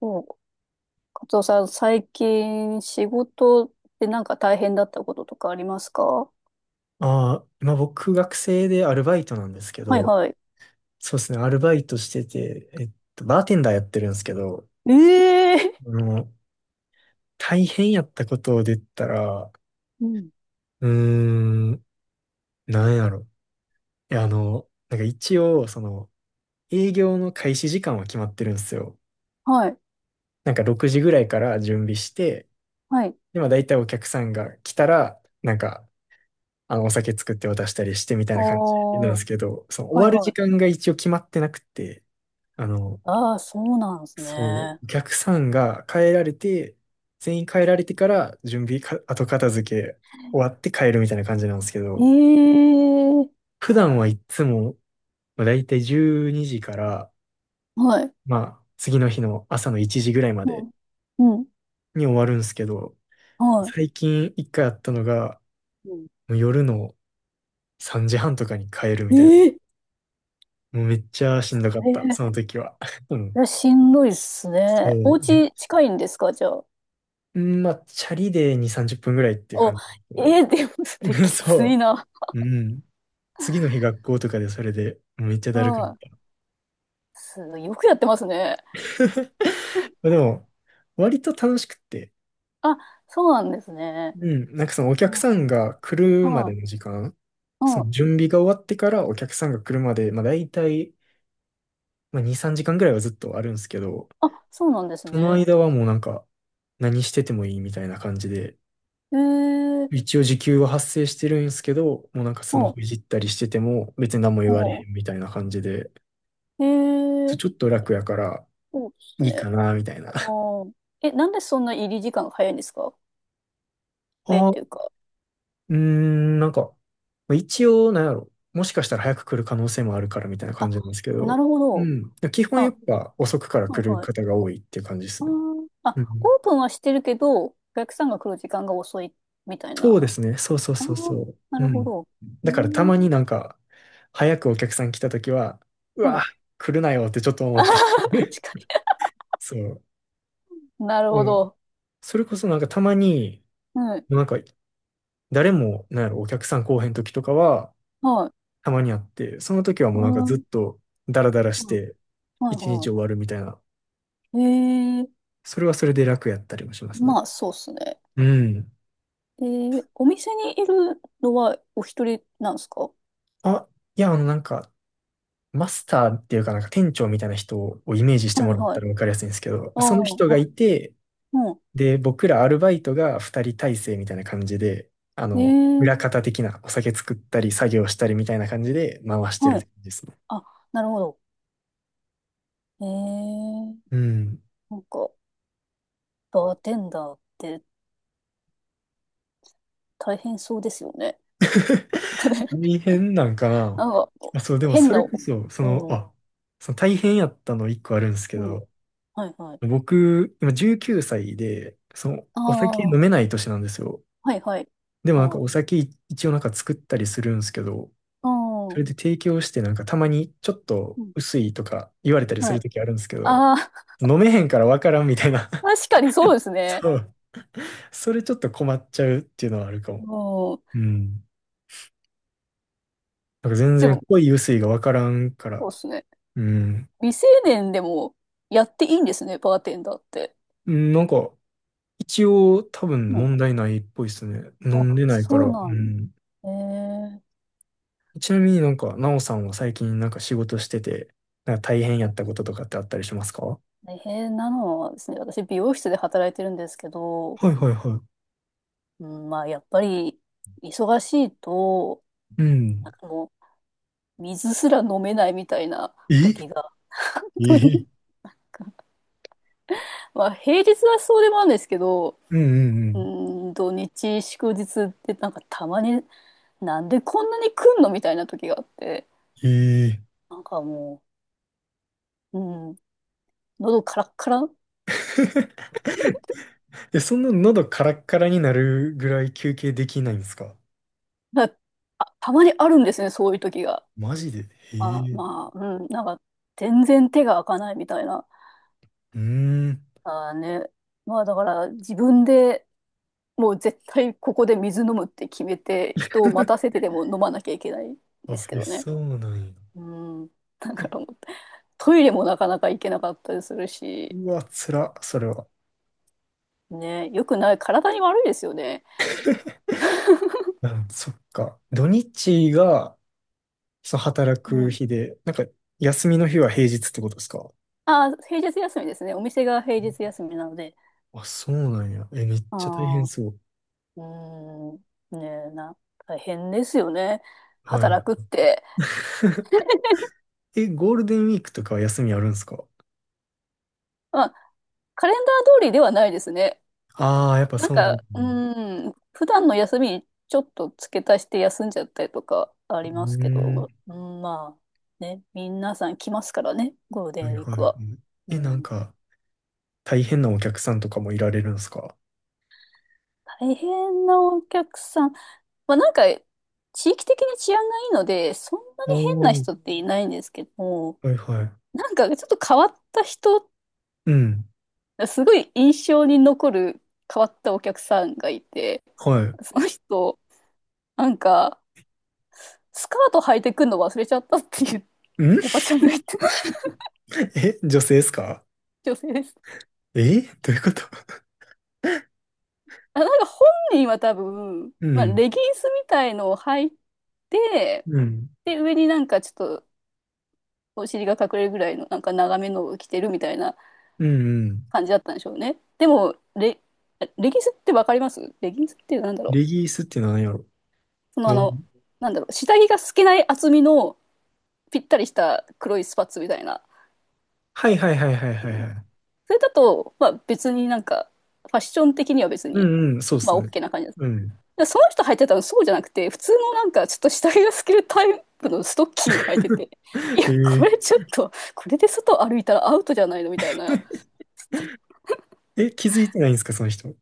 そう、カツオさん、最近仕事でなんか大変だったこととかありますか？はああ、今僕学生でアルバイトなんですけいど、はい。そうですね、アルバイトしてて、バーテンダーやってるんですけど、ええ、あの、大変やったことを出たら、うん。うーん、なんやろ。いや、なんか一応、営業の開始時間は決まってるんですよ。はい。なんか6時ぐらいから準備して、はい。で、まあ大体お客さんが来たら、なんか、お酒作って渡したりしてみたいあな感じなんあ、ではすけど、その終わいるは時い。間が一応決まってなくて、あの、ああ、そうなんですそう、ね。逆算が変えられて、全員変えられてから準備か、後片付け終わって帰るみたいな感じなんですけえど、え、普段はいつも、まあ、だいたい12時から、はい。まあ、次の日の朝の1時ぐらいまうでん。うん。に終わるんですけど、は最近一回あったのが、い。うん、もう夜の3時半とかに帰るみたいな。ええもうめっちゃしんどかった、ええ、その時は。ういん。や、しんどいっすそね。おう。家近いんですかじゃあ？うん、まあ、チャリで2、30分ぐらいっていうお、感じだええ、けでもそれど。きついそな。う。うん。次の日学校とかでそれでめっちゃだるくなっはた。い。すごいよくやってますね。まあでも、割と楽しくって、あ、そうなんですね。うん、なんかそのお客さんが来るまはでい。の時間、そうのん。準備が終わってからお客さんが来るまで、まあ大体、まあ2、3時間ぐらいはずっとあるんですけど、あ、そうなんですそのね。間はもうなんか何しててもいいみたいな感じで、ええー。一応時給は発生してるんですけど、もうなんかスマお、ホいじったりしてても別に何も言われへんみたいな感じで、ええー。ちょっと楽やからそうですいいね。かなみたいな。う、え、なんでそんな入り時間が早いんですか？早いっあていうあ、か。なんか、まあ一応、なんやろ。もしかしたら早く来る可能性もあるからみたいな感あ、じなんですけなど、るほうど。ん。基本あ、やっはぱ遅くからい来るはい。方が多いっていう感じですあね。ー、うあ、ん。オープンはしてるけど、お客さんが来る時間が遅いみたいそな。うですね。そう、そう、あそう、ー、そう。なうるほん。ど。うーだからたん。まになんか、早くお客さん来た時は、うはい。わ、来るなよってちょっと思あっー、て。確 かそう。に。なるうほん。ど。それこそなんかたまに、はい。なんか誰も、なんやろ、お客さん来おへん時とかは、はい。たまにあって、その時はうもうなんかずっん。とダラダラしはいてはい一日は終わるみたいな、い。ええー。それはそれで楽やったりもしますね。まあ、そうっすね。うん。お店にいるのはお一人なんですか？あ、いや、なんか、マスターっていうかなんか店長みたいな人をイメージしてはもいらっはたい。らわかりやすいんですけど、あそのあ、人がはいい。て、うで、僕らアルバイトが二人体制みたいな感じで、ん。ー、裏方的なお酒作ったり作業したりみたいな感じで回してるっはてい。感じですね。あ、なるほど。えー、うん。なんか、バーテンダーって大変そうですよね。なんかね、大変なんかな。なんか、まあ、そう、でも変そな、れうこそ、ん、あ、その大変やったの一個あるんですけうん、ど、はいはい。僕、今19歳で、あお酒飲めあ、ない年なんですよ。はいはい。でもあなんあ、かあお酒一応なんか作ったりするんですけど、そあ、れで提供してなんかたまにちょっうとん、薄いとか言われたりすはい。るときあるんですけど、ああ、飲めへんからわからんみたいな。確かにそうです ね。そう。それちょっと困っちゃうっていうのはあるかも。うん。うん。なんか全で然も、濃い薄いがわからんから。そうですね。うん。未成年でもやっていいんですね、バーテンダーって。うん、なんか、一応多分うん。問題ないっぽいですね。飲んあ、でないかそら。ううなん。ん。えー、ちなみになんか、なおさんは最近なんか仕事してて、なんか大変やったこととかってあったりしますか？は大変なのはですね、私、美容室で働いてるんですけど、い、はい、はうん、まあ、やっぱり、忙しいと、い。うなん。んかもう、水すら飲めないみたいな時えが、本当に、え、まあ、平日はそうでもあるんですけど、うん、うん、ううん。ーん、土日、祝日ってなんかたまに、なんでこんなに来んのみたいな時があって、ええ。 なんかもう、うん、喉カラッカラ、え、そんな喉カラッカラになるぐらい休憩できないんですか？なあたまにあるんですね、そういう時が。マジで？えあ、え。まあ、うん、なんか、全然手が開かないみたいな。うーん。あーね。まあ、だから、自分でもう絶対ここで水飲むって決めて、人を待た せてでも飲まなきゃいけないんですあ、けえ、どね。そうなんや。うん。だかえ、らもう、トイレもなかなか行けなかったりするし、うわ、つら、それは。ね、よくない、体に悪いですよね。あ、そっか。土日が、その働うくん。日で、なんか、休みの日は平日ってことですか？あー、平日休みですね。お店が平日休みなので。あ、そうなんや。え、めっあちゃ大変あ、そう。うん、ねえな、大変ですよね。はい。働くって。え、ゴールデンウィークとかは休みあるんですか？まあ、カレンダー通りではないですね。ああー、やっぱなんそうなんか、や。うん、普段の休みにちょっと付け足して休んじゃったりとかあうりますけーん。ど、うん、まあ、ね、皆さん来ますからね、ゴールデはンウい、ィーはクい、はは。い。うえ、なんん、か、大変なお客さんとかもいられるんですか？大変なお客さん。まあなんか、地域的に治安がいいので、そんなおに変おなー。人っていないんですけども、はい、はい。なんかちょっと変わった人、うん。すごい印象に残る変わったお客さんがいて、はい。その人、なんか、スカート履いてくるの忘れちゃったっていううん。 おばちゃんが言ってた え、女性ですか？女性です。え、どういうこと？あ、なんか本人は多分、うまあ、ん。レギンスみたいのを履いて、うん。で、上になんかちょっとお尻が隠れるぐらいのなんか長めのを着てるみたいなうん、うん。感じだったんでしょうね。でも、レギンスってわかります？レギンスっていうのはなんだろレう。ギースって何やろ？そのあどんの、なんだろう、下着が透けない厚みのぴったりした黒いスパッツみたいな。はい、はい、はい、はい、はい、はい。それだと、まあ別になんか、ファッション的には別うに、ん、うん、そうっますあ ね。OK な感じです。うん。でその人履いてたのそうじゃなくて、普通のなんかちょっと下着が透けるタイプのストッキング履いて て、いえや、こー、れちょっと、これで外歩いたらアウトじゃないのみたいな、え、気づいてないんですか、その人。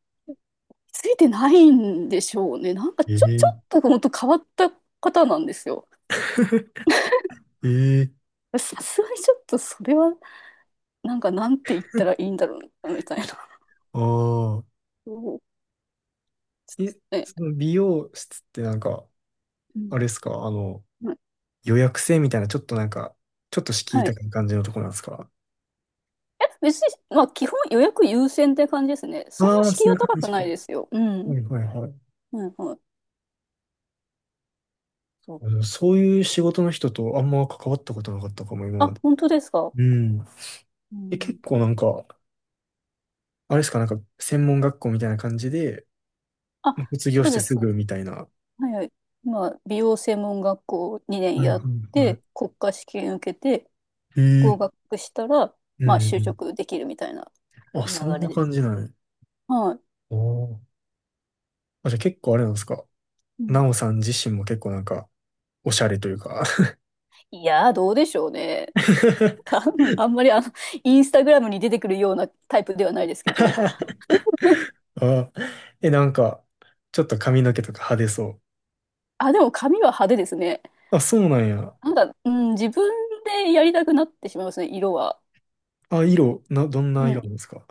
ついてないんでしょうね。なんかえちょー、っと本当変わった方なんですよ。えー、さすがにちょっとそれは、なんかなんて言ったらいいんだろうなみたいな。ああ。そうえ、ね、その美容室ってなんか、うんあれですか、うん、予約制みたいな、ちょっとなんか、ちょっと敷居はい。高い感じのとこなんですか？え、別に、まあ基本予約優先って感じですね。そんあなあー、敷居そういはう高感くじなか。いはですよ。うん。い、はい、はい。はいはい。そう。そういう仕事の人とあんま関わったことなかったかも、今あ、まで。本当ですか？うん。うえ、ん、結構なんか、あれですか、なんか、専門学校みたいな感じで、あ、卒業そしうてですす。ぐみたいな。ははいはい。今、美容専門学校2い、年はい、やっはて、国家試験受けて、い。ええ。合格したら、うまあ、就ん、職できるみたいなうん。あ、流そんなれで感す。じなんや。はい。あー、あ、じゃあ結構あれなんですか？うん、なおさん自身も結構なんか、おしゃれというか。 いやー、どうでしょうね。か あんまりインスタグラムに出てくるようなタイプではないですけど、あ、え、なんか、ちょっと髪の毛とか派手そあ、でも髪は派手ですね。う。あ、そうなんや。なんか、うん、自分でやりたくなってしまいますね、色は。あ、色、どんなうん、色なんですか。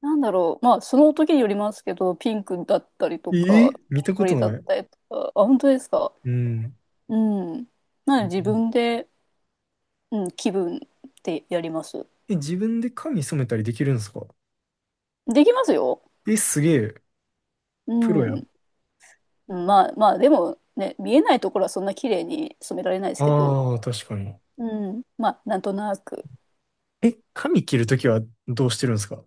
なんだろう。まあ、その時によりますけど、ピンクだったりえとか、ー、見たこ緑とだっない。たりとか。あ、本当ですか。うん。うん。なので自分で、うん、気分でやります。え、自分で髪染めたりできるんですか？できますよ。え、すげえ。うプロや。ん。まあまあ、でもね、見えないところはそんな綺麗に染められないですけど、ああ、確かに。うん。まあ、なんとなく。え、髪切るときはどうしてるんですか？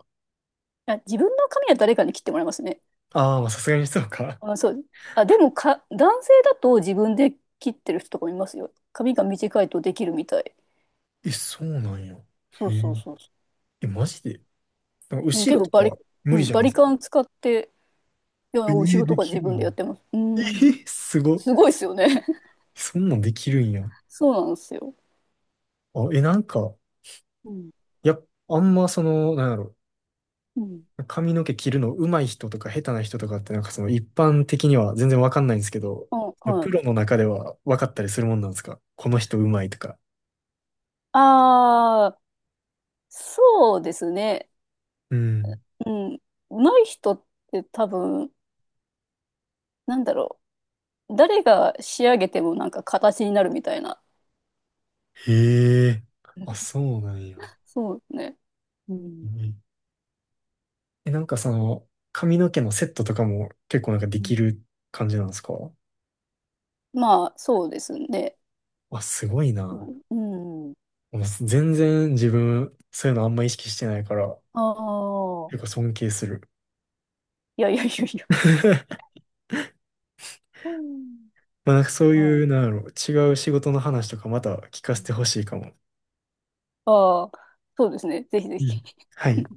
あ、自分の髪は誰かに切ってもらいますね。ああ、まあさすがにそうか。あ、そう。あ、でもか、男性だと自分で切ってる人とかもいますよ。髪が短いとできるみたい。え、そうなんや。そへうそえ。うそうそう。え、マジで？なんかうん、後結ろ構とかう無理ん、じゃバないリですカか。ン使って、いや、え後ー、ろとでかき自るん分や。でやってます。うえん。ー、すごっ。すごいですよね。そんなんできるんや。そうなんですよ。あ、え、なんか、うん。あんまなんやろ。うん。髪の毛切るの上手い人とか下手な人とかってなんか一般的には全然わかんないんですけど、あ、はプい。ロの中ではわかったりするもんなんですか？この人上手いとか。ああ、そうですね。うん。うん。上手い人って多分、なんだろう。誰が仕上げてもなんか形になるみたいな。へえ。あ、そうなんや。そうですね。ううん。ん、え、なんか髪の毛のセットとかも結構なんかうできん、る感じなんですか？まあ、そうですね。あ、すごいな。うん。もう全然自分、そういうのあんま意識してないから、ああー、結構尊敬する。いやいやいやいや。うん。まあなんかそうういう、ん、なんだろう、違う仕事の話とかまた聞かせてほしいかも。ああ、そうですね。ぜひぜうひ。ん。はい。